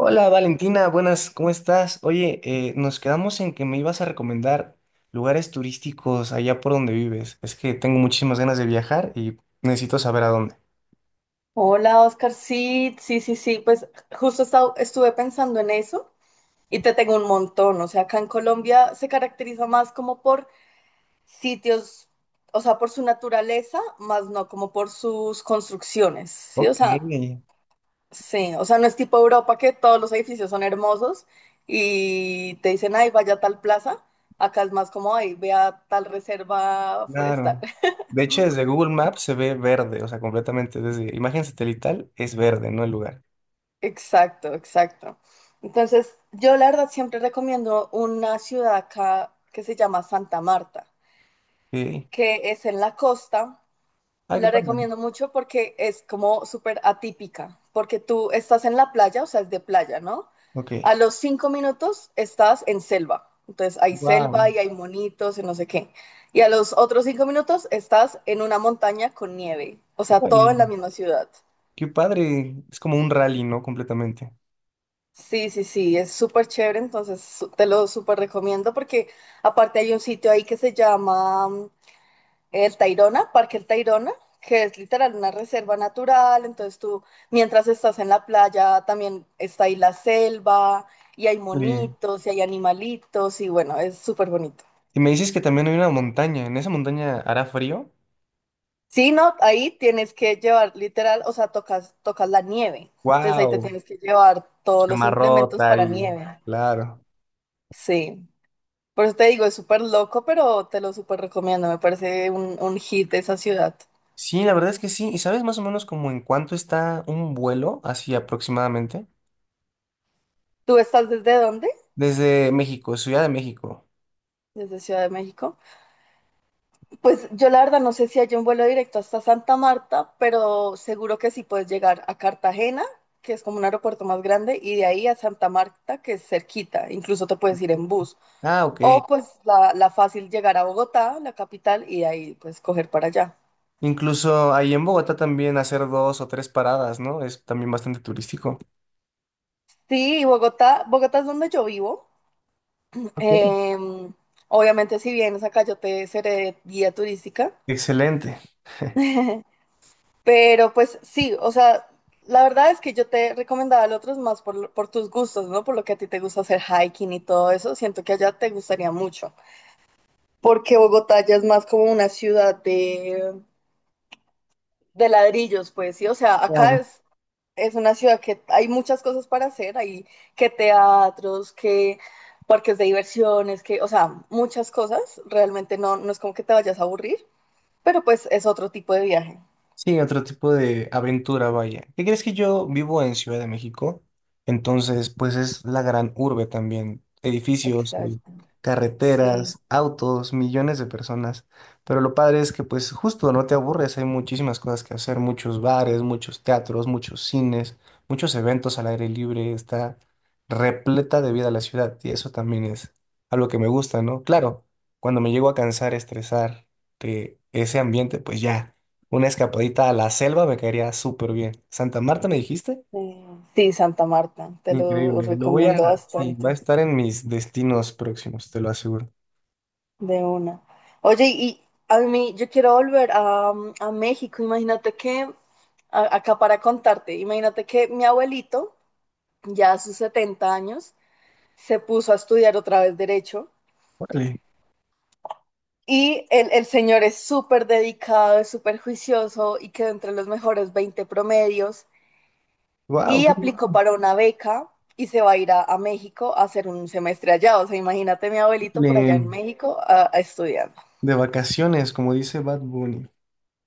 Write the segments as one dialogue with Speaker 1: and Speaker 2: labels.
Speaker 1: Hola Valentina, buenas, ¿cómo estás? Oye, nos quedamos en que me ibas a recomendar lugares turísticos allá por donde vives. Es que tengo muchísimas ganas de viajar y necesito saber a dónde.
Speaker 2: Hola, Oscar. Sí, sí, sí, sí. Pues justo estuve pensando en eso y te tengo un montón. O sea, acá en Colombia se caracteriza más como por sitios, o sea, por su naturaleza, más no como por sus construcciones.
Speaker 1: Ok,
Speaker 2: Sí. O sea, no es tipo Europa que todos los edificios son hermosos y te dicen, ay, vaya a tal plaza. Acá es más como, ay, vea tal reserva forestal.
Speaker 1: claro. De hecho, desde Google Maps se ve verde, o sea, completamente. Desde imagen satelital es verde, no el lugar.
Speaker 2: Exacto, exacto. Entonces, yo la verdad siempre recomiendo una ciudad acá que se llama Santa Marta,
Speaker 1: Sí.
Speaker 2: que es en la costa.
Speaker 1: Ah, qué
Speaker 2: La
Speaker 1: padre.
Speaker 2: recomiendo mucho porque es como súper atípica, porque tú estás en la playa, o sea, es de playa, ¿no?
Speaker 1: Ok.
Speaker 2: A los cinco minutos estás en selva. Entonces, hay selva
Speaker 1: Wow.
Speaker 2: y hay monitos y no sé qué. Y a los otros cinco minutos estás en una montaña con nieve, o sea, todo en la misma ciudad.
Speaker 1: Qué padre. Es como un rally, ¿no? Completamente.
Speaker 2: Sí, sí, sí, es súper chévere, entonces te lo súper recomiendo porque aparte hay un sitio ahí que se llama El Tayrona, Parque El Tayrona, que es literal una reserva natural, entonces tú mientras estás en la playa también está ahí la selva y hay
Speaker 1: Sí.
Speaker 2: monitos y hay animalitos y bueno, es súper bonito.
Speaker 1: Y me dices que también hay una montaña. ¿En esa montaña hará frío?
Speaker 2: Sí, no, ahí tienes que llevar literal, o sea, tocas, tocas la nieve, entonces ahí te
Speaker 1: ¡Wow!
Speaker 2: tienes que llevar todos los implementos
Speaker 1: Camarota
Speaker 2: para
Speaker 1: y...
Speaker 2: nieve.
Speaker 1: Claro.
Speaker 2: Sí. Por eso te digo, es súper loco, pero te lo súper recomiendo. Me parece un hit de esa ciudad.
Speaker 1: Sí, la verdad es que sí. ¿Y sabes más o menos como en cuánto está un vuelo, así aproximadamente?
Speaker 2: ¿Tú estás desde dónde?
Speaker 1: Desde México, Ciudad de México.
Speaker 2: Desde Ciudad de México. Pues yo la verdad no sé si hay un vuelo directo hasta Santa Marta, pero seguro que sí puedes llegar a Cartagena, que es como un aeropuerto más grande, y de ahí a Santa Marta, que es cerquita. Incluso te puedes ir en bus.
Speaker 1: Ah, ok.
Speaker 2: O pues la fácil llegar a Bogotá, la capital, y de ahí pues coger para allá.
Speaker 1: Incluso ahí en Bogotá también hacer dos o tres paradas, ¿no? Es también bastante turístico.
Speaker 2: Sí, Bogotá, Bogotá es donde yo vivo.
Speaker 1: Ok,
Speaker 2: Em, obviamente, si vienes acá, yo te seré guía turística.
Speaker 1: excelente.
Speaker 2: Pero pues sí, o sea, la verdad es que yo te recomendaba al otros más por, por tus gustos, ¿no? Por lo que a ti te gusta hacer hiking y todo eso. Siento que allá te gustaría mucho. Porque Bogotá ya es más como una ciudad de ladrillos, pues sí. O sea, acá es. Es una ciudad que hay muchas cosas para hacer, hay que teatros, que parques de diversiones, que, o sea, muchas cosas. Realmente no, no es como que te vayas a aburrir, pero pues es otro tipo de viaje.
Speaker 1: Sí, otro tipo de aventura, vaya. ¿Qué crees? Que yo vivo en Ciudad de México. Entonces, pues es la gran urbe también. Edificios,
Speaker 2: Exacto. Sí,
Speaker 1: carreteras, autos, millones de personas. Pero lo padre es que pues justo no te aburres, hay muchísimas cosas que hacer, muchos bares, muchos teatros, muchos cines, muchos eventos al aire libre. Está repleta de vida la ciudad y eso también es algo que me gusta, ¿no? Claro, cuando me llego a cansar, estresar de ese ambiente, pues ya. Una escapadita a la selva me caería súper bien. Santa Marta, ¿me dijiste?
Speaker 2: sí, Sí, Santa Marta, te lo
Speaker 1: Increíble. Lo voy
Speaker 2: recomiendo
Speaker 1: a... Sí, va a
Speaker 2: bastante,
Speaker 1: estar en mis destinos próximos, te lo aseguro.
Speaker 2: de una. Oye, y a mí, yo quiero volver a, a México, imagínate que, acá para contarte, imagínate que mi abuelito, ya a sus 70 años, se puso a estudiar otra vez derecho
Speaker 1: Vale.
Speaker 2: y el señor es súper dedicado, es súper juicioso y quedó entre los mejores 20 promedios
Speaker 1: Wow.
Speaker 2: y aplicó para una beca y se va a ir a México a hacer un semestre allá. O sea, imagínate mi abuelito por allá en
Speaker 1: De
Speaker 2: México a estudiando.
Speaker 1: vacaciones, como dice Bad Bunny.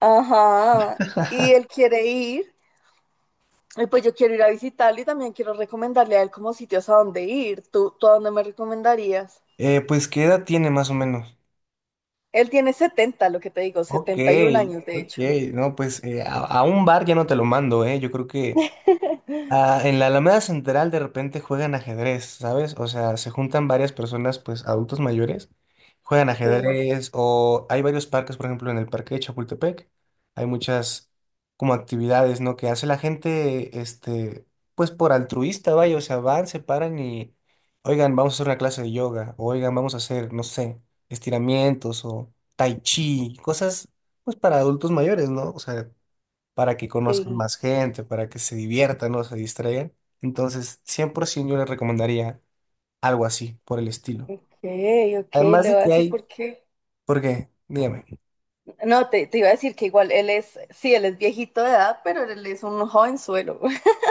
Speaker 2: Ajá, y él quiere ir. Y pues yo quiero ir a visitarlo y también quiero recomendarle a él como sitios a dónde ir. ¿Tú a dónde me recomendarías?
Speaker 1: Pues, ¿qué edad tiene más o menos?
Speaker 2: Él tiene 70 lo que te digo,
Speaker 1: Ok,
Speaker 2: 71 años de
Speaker 1: ok.
Speaker 2: hecho.
Speaker 1: No, pues a un bar ya no te lo mando, ¿eh? Yo creo que ah, en la Alameda Central de repente juegan ajedrez, ¿sabes? O sea, se juntan varias personas, pues adultos mayores, juegan
Speaker 2: Sí,
Speaker 1: ajedrez o hay varios parques, por ejemplo, en el parque de Chapultepec, hay muchas como actividades, ¿no? Que hace la gente, este, pues por altruista, vaya, o sea, van, se paran y, oigan, vamos a hacer una clase de yoga, o, oigan, vamos a hacer, no sé, estiramientos o tai chi, cosas, pues para adultos mayores, ¿no? O sea, para que conozcan
Speaker 2: sí.
Speaker 1: más gente, para que se diviertan, ¿no? Se distraigan. Entonces, 100% yo les recomendaría algo así, por el estilo.
Speaker 2: Ok, ok, le
Speaker 1: Además de
Speaker 2: voy a
Speaker 1: que
Speaker 2: decir
Speaker 1: hay,
Speaker 2: por qué.
Speaker 1: ¿por qué? Dígame.
Speaker 2: No, te iba a decir que igual él es, sí, él es viejito de edad, pero él es un jovenzuelo.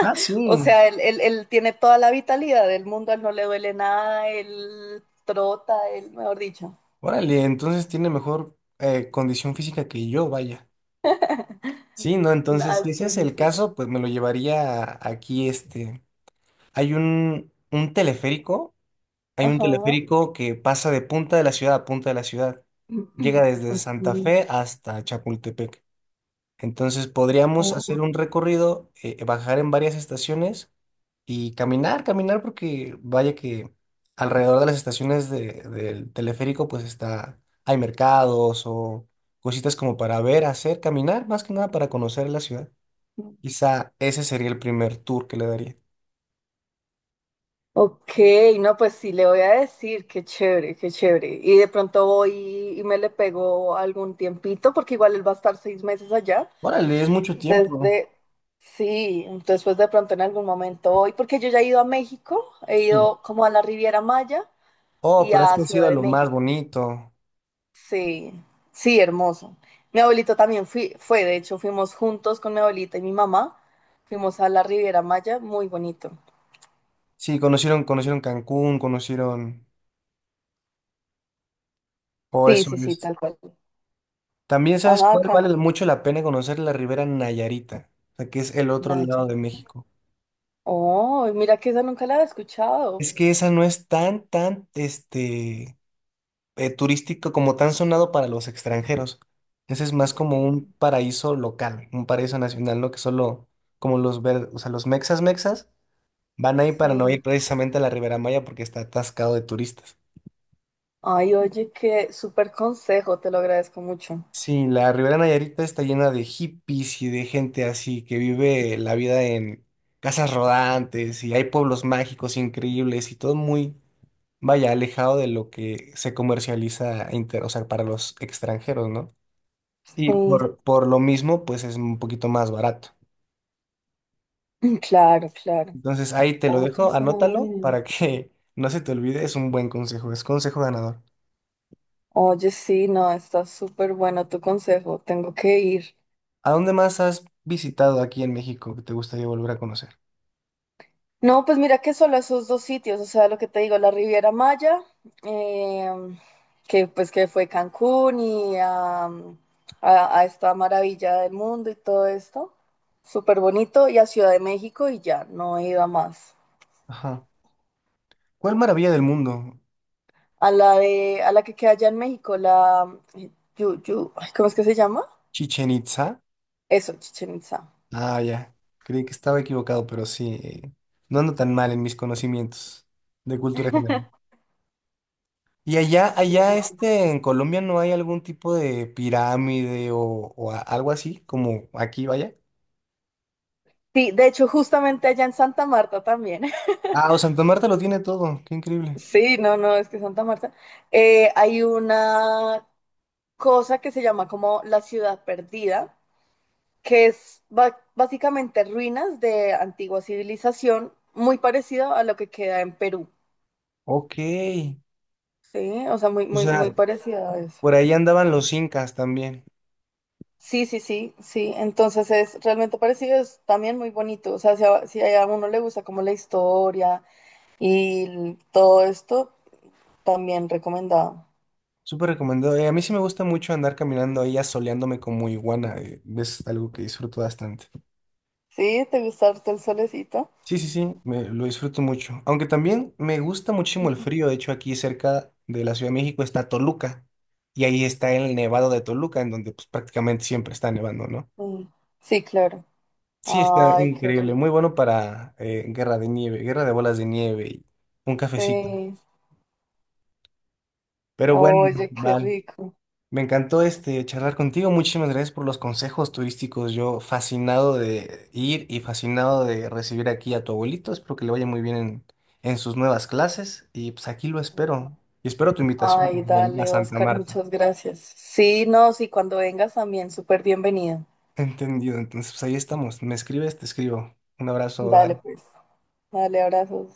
Speaker 1: Ah, sí.
Speaker 2: O sea, él tiene toda la vitalidad del mundo, a él no le duele nada, él trota, él, mejor dicho.
Speaker 1: Órale, entonces tiene mejor condición física que yo, vaya. Sí, no, entonces,
Speaker 2: Ah,
Speaker 1: si ese
Speaker 2: estoy,
Speaker 1: es
Speaker 2: no
Speaker 1: el
Speaker 2: sé.
Speaker 1: caso, pues me lo llevaría aquí, este. Hay un teleférico, hay un
Speaker 2: Ajá.
Speaker 1: teleférico que pasa de punta de la ciudad a punta de la ciudad. Llega desde
Speaker 2: Ok.
Speaker 1: Santa Fe hasta Chapultepec. Entonces podríamos hacer un recorrido, bajar en varias estaciones y caminar, caminar, porque vaya que alrededor de las estaciones del teleférico pues está, hay mercados o cositas como para ver, hacer, caminar, más que nada para conocer la ciudad. Quizá ese sería el primer tour que le daría.
Speaker 2: Ok, no, pues sí, le voy a decir, qué chévere, qué chévere. Y de pronto voy y me le pego algún tiempito, porque igual él va a estar seis meses allá.
Speaker 1: Órale, es mucho tiempo.
Speaker 2: Desde, sí, después de pronto en algún momento hoy, porque yo ya he ido a México, he
Speaker 1: Sí.
Speaker 2: ido como a la Riviera Maya
Speaker 1: Oh,
Speaker 2: y
Speaker 1: pero es
Speaker 2: a
Speaker 1: que ha
Speaker 2: Ciudad
Speaker 1: sido
Speaker 2: de
Speaker 1: lo más
Speaker 2: México.
Speaker 1: bonito.
Speaker 2: Sí, sí, hermoso. Mi abuelito también fui, fue, de hecho, fuimos juntos con mi abuelita y mi mamá, fuimos a la Riviera Maya, muy bonito.
Speaker 1: Sí, conocieron, conocieron Cancún, conocieron... O
Speaker 2: Sí,
Speaker 1: eso.
Speaker 2: sí, sí, tal cual.
Speaker 1: También sabes
Speaker 2: Ajá,
Speaker 1: cuál vale mucho la pena conocer: la Ribera Nayarita, o sea, que es el otro lado
Speaker 2: Naya.
Speaker 1: de México.
Speaker 2: Oh, mira que esa nunca la había escuchado.
Speaker 1: Es que esa no es tan, tan, este, turístico como tan sonado para los extranjeros. Ese es más
Speaker 2: Ok,
Speaker 1: como un paraíso local, un paraíso nacional, ¿no? Que solo como los ver, o sea, los mexas mexas van ahí para no
Speaker 2: sí.
Speaker 1: ir precisamente a la Ribera Maya porque está atascado de turistas.
Speaker 2: Ay, oye, qué súper consejo, te lo agradezco mucho.
Speaker 1: Sí, la Ribera Nayarita está llena de hippies y de gente así que vive la vida en casas rodantes y hay pueblos mágicos increíbles y todo muy, vaya, alejado de lo que se comercializa o sea, para los extranjeros, ¿no? Y
Speaker 2: Sí.
Speaker 1: por lo mismo, pues es un poquito más barato.
Speaker 2: Claro, claro.
Speaker 1: Entonces ahí te lo
Speaker 2: Oye,
Speaker 1: dejo,
Speaker 2: suena
Speaker 1: anótalo para
Speaker 2: bien.
Speaker 1: que no se te olvide, es un buen consejo, es consejo ganador.
Speaker 2: Oye, sí, no, está súper bueno tu consejo. Tengo que ir.
Speaker 1: ¿A dónde más has visitado aquí en México que te gustaría volver a conocer?
Speaker 2: No, pues mira que solo esos dos sitios, o sea, lo que te digo, la Riviera Maya, eh, que pues que fue Cancún y a esta maravilla del mundo y todo esto. Súper bonito. Y a Ciudad de México y ya, no he ido a más.
Speaker 1: Ajá. ¿Cuál maravilla del mundo?
Speaker 2: A la que queda allá en México, la eh, ay, ¿cómo es que se llama?
Speaker 1: Chichen Itza.
Speaker 2: Eso, Chichen Itza.
Speaker 1: Ah, ya. Creí que estaba equivocado, pero sí. No ando tan mal en mis conocimientos de cultura general. Y allá,
Speaker 2: Sí, sí,
Speaker 1: allá
Speaker 2: sí.
Speaker 1: este, en Colombia no hay algún tipo de pirámide o algo así, como aquí, vaya.
Speaker 2: Sí, de hecho, justamente allá en Santa Marta también.
Speaker 1: Ah, o Santa Marta lo tiene todo. Qué increíble.
Speaker 2: Sí, no, no, es que Santa Marta. Hay una cosa que se llama como la ciudad perdida, que es básicamente ruinas de antigua civilización, muy parecido a lo que queda en Perú.
Speaker 1: Ok.
Speaker 2: Sí, o sea, muy,
Speaker 1: O
Speaker 2: muy, muy
Speaker 1: sea,
Speaker 2: parecido a eso.
Speaker 1: por ahí andaban los incas también.
Speaker 2: Sí, sí, sí, sí. Entonces es realmente parecido, es también muy bonito. O sea, si a uno le gusta como la historia y todo esto, también recomendado.
Speaker 1: Súper recomendado. A mí sí me gusta mucho andar caminando ahí asoleándome como iguana. Es algo que disfruto bastante.
Speaker 2: Sí, ¿te gusta harto el solecito?
Speaker 1: Sí, sí, sí, me, lo disfruto mucho. Aunque también me gusta muchísimo el frío. De hecho, aquí cerca de la Ciudad de México está Toluca. Y ahí está el nevado de Toluca, en donde pues, prácticamente siempre está nevando, ¿no?
Speaker 2: Mm, sí, claro.
Speaker 1: Sí, está
Speaker 2: Ay, qué
Speaker 1: increíble.
Speaker 2: rico.
Speaker 1: Muy bueno para guerra de nieve, guerra de bolas de nieve y un cafecito.
Speaker 2: Sí.
Speaker 1: Pero bueno,
Speaker 2: Oye, qué
Speaker 1: vale.
Speaker 2: rico.
Speaker 1: Me encantó este charlar contigo. Muchísimas gracias por los consejos turísticos. Yo fascinado de ir y fascinado de recibir aquí a tu abuelito. Espero que le vaya muy bien en sus nuevas clases. Y pues aquí lo espero. Y espero tu invitación
Speaker 2: Ay,
Speaker 1: también a
Speaker 2: dale,
Speaker 1: Santa
Speaker 2: Oscar,
Speaker 1: Marta.
Speaker 2: muchas gracias. Sí, no, sí, cuando vengas también, súper bienvenido.
Speaker 1: Entendido. Entonces, pues ahí estamos. Me escribes, te escribo. Un abrazo.
Speaker 2: Dale,
Speaker 1: Dani.
Speaker 2: pues. Dale, abrazos.